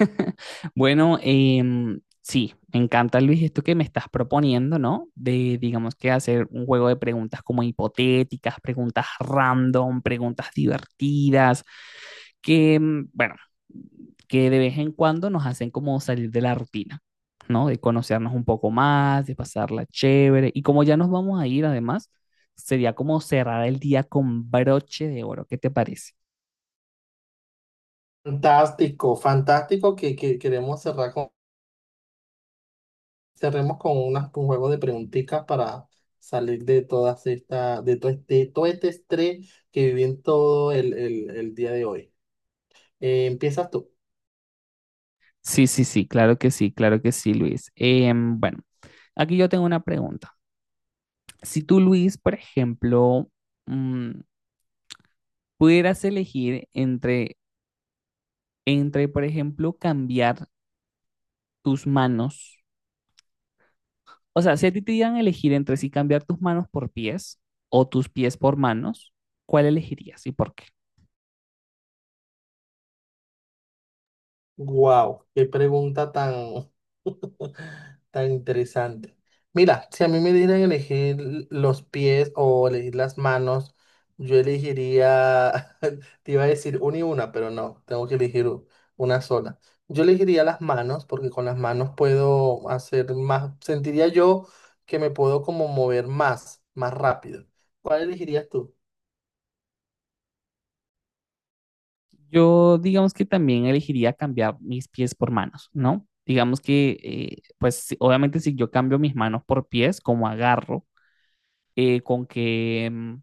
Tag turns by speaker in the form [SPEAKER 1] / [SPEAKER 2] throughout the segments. [SPEAKER 1] Bueno, sí, me encanta Luis esto que me estás proponiendo, ¿no? Digamos que hacer un juego de preguntas como hipotéticas, preguntas random, preguntas divertidas, que, bueno, que de vez en cuando nos hacen como salir de la rutina, ¿no? De conocernos un poco más, de pasarla chévere. Y como ya nos vamos a ir, además, sería como cerrar el día con broche de oro. ¿Qué te parece?
[SPEAKER 2] Fantástico, fantástico que queremos cerremos con un juego de preguntitas para salir de de todo este estrés que viví en todo el día de hoy. Empiezas tú.
[SPEAKER 1] Sí, sí, sí, claro que sí, claro que sí, Luis. Bueno. Aquí yo tengo una pregunta. Si tú, Luis, por ejemplo, mm, pudieras elegir entre, por ejemplo, cambiar tus manos, o sea, si a ti te dieran a elegir entre si cambiar tus manos por pies o tus pies por manos, ¿cuál elegirías y por qué?
[SPEAKER 2] Wow, qué pregunta tan, tan interesante. Mira, si a mí me dieran elegir los pies o elegir las manos, yo elegiría, te iba a decir una y una, pero no, tengo que elegir una sola. Yo elegiría las manos porque con las manos puedo hacer más, sentiría yo que me puedo como mover más, más rápido. ¿Cuál elegirías tú?
[SPEAKER 1] Yo, digamos que también elegiría cambiar mis pies por manos, ¿no? Digamos que, pues, obviamente si yo cambio mis manos por pies, como agarro, con que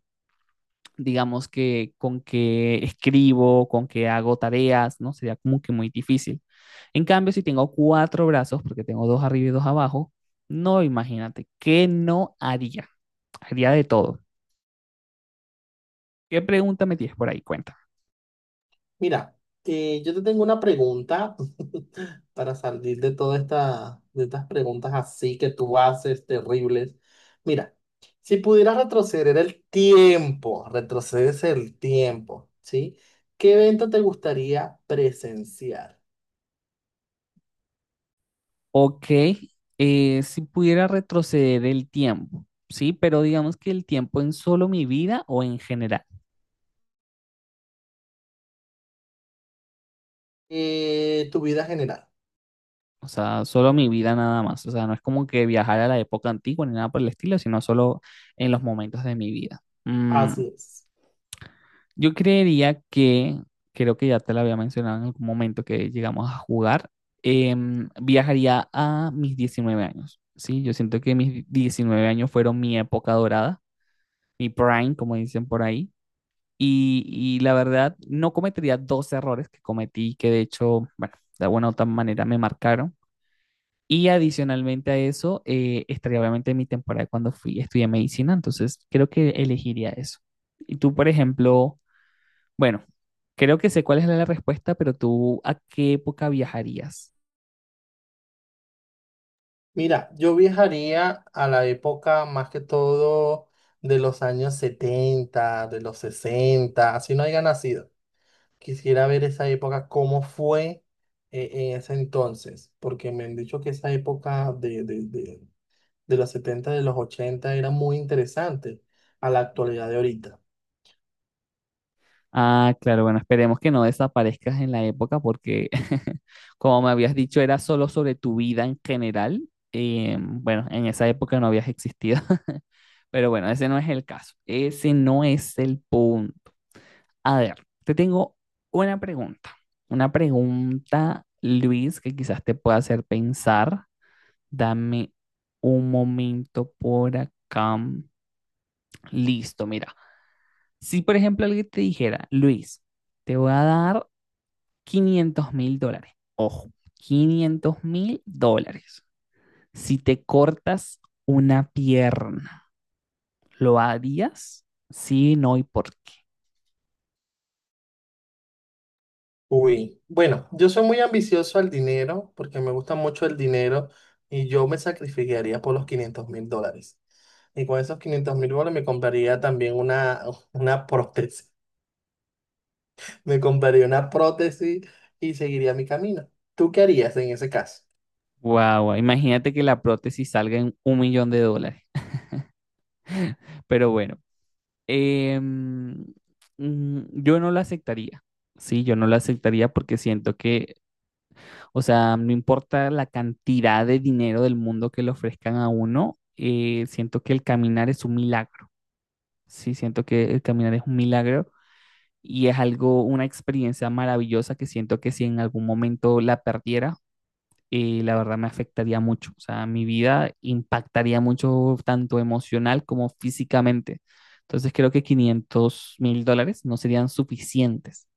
[SPEAKER 1] digamos que con que escribo, con que hago tareas, ¿no? Sería como que muy difícil. En cambio, si tengo cuatro brazos, porque tengo dos arriba y dos abajo, no, imagínate, ¿qué no haría? Haría de todo. ¿Qué pregunta me tienes por ahí? Cuenta.
[SPEAKER 2] Mira, yo te tengo una pregunta para salir de de estas preguntas así que tú haces, terribles. Mira, si pudieras retroceder el tiempo, retrocedes el tiempo, ¿sí? ¿Qué evento te gustaría presenciar?
[SPEAKER 1] Ok, si pudiera retroceder el tiempo, ¿sí? Pero digamos que el tiempo en solo mi vida o en general.
[SPEAKER 2] Tu vida general.
[SPEAKER 1] O sea, solo mi vida nada más. O sea, no es como que viajar a la época antigua ni nada por el estilo, sino solo en los momentos de mi vida. Mm,
[SPEAKER 2] Así es.
[SPEAKER 1] yo creería creo que ya te lo había mencionado en algún momento que llegamos a jugar, viajaría a mis 19 años. Sí, yo siento que mis 19 años fueron mi época dorada, mi prime, como dicen por ahí. Y la verdad, no cometería dos errores que cometí, que de hecho, bueno, de alguna u otra manera me marcaron. Y adicionalmente a eso, estaría obviamente mi temporada cuando fui, estudié medicina, entonces creo que elegiría eso. Y tú, por ejemplo, bueno, creo que sé cuál es la respuesta, pero tú, ¿a qué época viajarías?
[SPEAKER 2] Mira, yo viajaría a la época más que todo de los años 70, de los 60, así no haya nacido. Quisiera ver esa época, cómo fue en ese entonces, porque me han dicho que esa época de los 70 de los 80 era muy interesante a la actualidad de ahorita.
[SPEAKER 1] Ah, claro, bueno, esperemos que no desaparezcas en la época porque, como me habías dicho, era solo sobre tu vida en general. Bueno, en esa época no habías existido, pero bueno, ese no es el caso. Ese no es el punto. A ver, te tengo una pregunta. Una pregunta, Luis, que quizás te pueda hacer pensar. Dame un momento por acá. Listo, mira. Si, por ejemplo, alguien te dijera, Luis, te voy a dar $500,000. Ojo, $500,000. Si te cortas una pierna, ¿lo harías? Sí, no y por qué.
[SPEAKER 2] Uy, bueno, yo soy muy ambicioso al dinero, porque me gusta mucho el dinero y yo me sacrificaría por los 500.000 dólares. Y con esos 500.000 dólares me compraría también una prótesis. Me compraría una prótesis y seguiría mi camino. ¿Tú qué harías en ese caso?
[SPEAKER 1] Guau, guau, imagínate que la prótesis salga en $1,000,000. Pero bueno, em, yo no la aceptaría. Sí, yo no la aceptaría porque siento que, o sea, no importa la cantidad de dinero del mundo que le ofrezcan a uno, siento que el caminar es un milagro. Sí, siento que el caminar es un milagro y es algo, una experiencia maravillosa que siento que si en algún momento la perdiera, la verdad me afectaría mucho. O sea, mi vida impactaría mucho tanto emocional como físicamente. Entonces creo que $500,000 no serían suficientes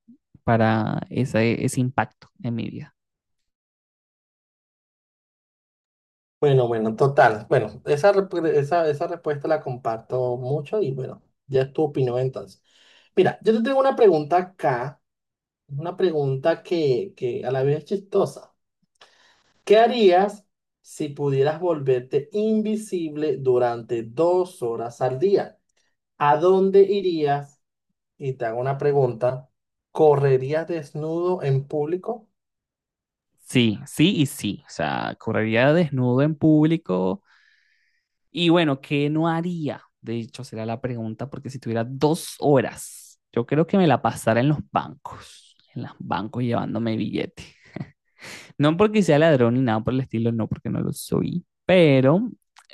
[SPEAKER 1] para ese impacto en mi vida.
[SPEAKER 2] Bueno, bueno, total. Bueno, esa respuesta la comparto mucho y bueno, ya es tu opinión entonces. Mira, yo te tengo una pregunta acá, una pregunta que a la vez es chistosa. ¿Qué harías si pudieras volverte invisible durante 2 horas al día? ¿A dónde irías? Y te hago una pregunta. ¿Correrías desnudo en público?
[SPEAKER 1] Sí, sí y sí. O sea, correría desnudo en público. Y bueno, ¿qué no haría? De hecho, será la pregunta, porque si tuviera 2 horas, yo creo que me la pasara en los bancos llevándome billete. No porque sea ladrón ni nada por el estilo, no, porque no lo soy. Pero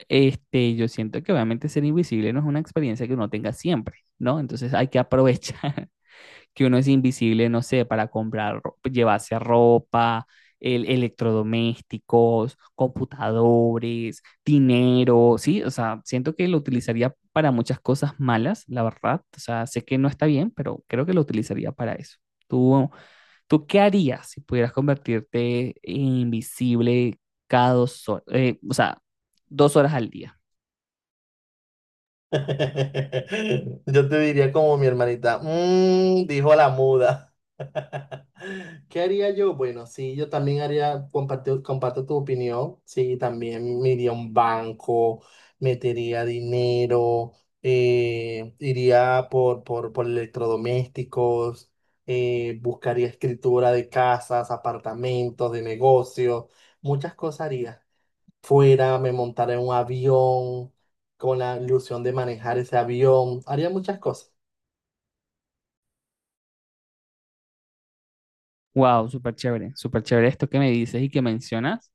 [SPEAKER 1] este, yo siento que obviamente ser invisible no es una experiencia que uno tenga siempre, ¿no? Entonces hay que aprovechar que uno es invisible, no sé, para comprar, llevarse ropa, electrodomésticos, computadores, dinero, ¿sí? O sea, siento que lo utilizaría para muchas cosas malas, la verdad. O sea, sé que no está bien, pero creo que lo utilizaría para eso. ¿Tú ¿Tú qué harías si pudieras convertirte en invisible cada 2 horas? O sea, 2 horas al día.
[SPEAKER 2] Yo te diría como mi hermanita, "Mm", dijo la muda. ¿Qué haría yo? Bueno, sí, yo también haría, comparto, comparto tu opinión, sí, también me iría a un banco, metería dinero, iría por electrodomésticos, buscaría escritura de casas, apartamentos, de negocios, muchas cosas haría fuera, me montara en un avión con la ilusión de manejar ese avión, haría muchas cosas.
[SPEAKER 1] Wow, súper chévere esto que me dices y que mencionas.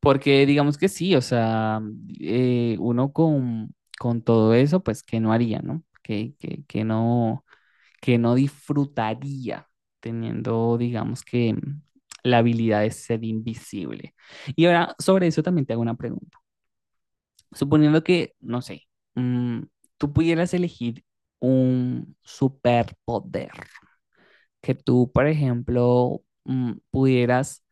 [SPEAKER 1] Porque digamos que sí, o sea, uno con todo eso, pues que no haría, ¿no? Que no disfrutaría teniendo, digamos que, la habilidad de ser invisible. Y ahora, sobre eso también te hago una pregunta. Suponiendo que, no sé, mm, tú pudieras elegir un superpoder, que tú, por ejemplo, pudieras,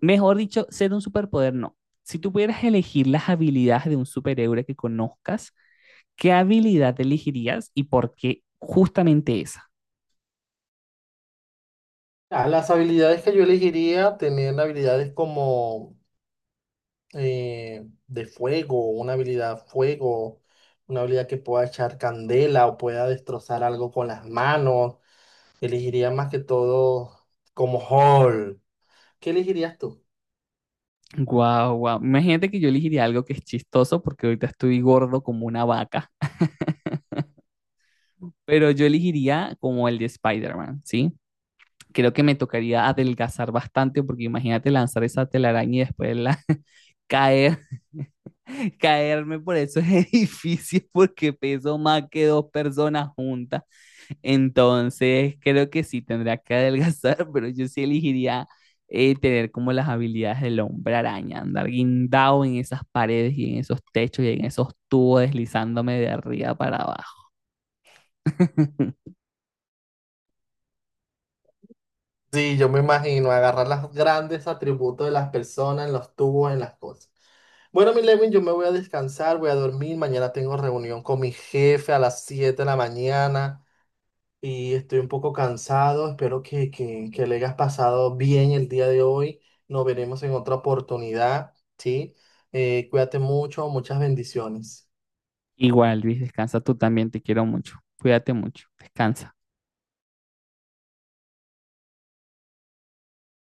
[SPEAKER 1] mejor dicho, ser un superpoder, no. Si tú pudieras elegir las habilidades de un superhéroe que conozcas, ¿qué habilidad elegirías y por qué justamente esa?
[SPEAKER 2] Ah, las habilidades que yo elegiría, tener habilidades como de fuego, una habilidad que pueda echar candela o pueda destrozar algo con las manos. Elegiría más que todo como Hall. ¿Qué elegirías tú?
[SPEAKER 1] Guau, guau. Imagínate que yo elegiría algo que es chistoso porque ahorita estoy gordo como una vaca, pero yo elegiría como el de Spider-Man, ¿sí? Creo que me tocaría adelgazar bastante porque imagínate lanzar esa telaraña y después caer, caerme por esos edificios porque peso más que dos personas juntas. Entonces creo que sí tendría que adelgazar, pero yo sí elegiría tener como las habilidades del hombre araña, andar guindado en esas paredes y en esos techos y en esos tubos deslizándome de arriba para abajo.
[SPEAKER 2] Sí, yo me imagino agarrar los grandes atributos de las personas, en los tubos, en las cosas. Bueno, mi Levin, yo me voy a descansar, voy a dormir. Mañana tengo reunión con mi jefe a las 7 de la mañana y estoy un poco cansado. Espero que le hayas pasado bien el día de hoy. Nos veremos en otra oportunidad, ¿sí? Cuídate mucho, muchas bendiciones.
[SPEAKER 1] Igual, Luis, descansa tú también, te quiero mucho. Cuídate mucho, descansa.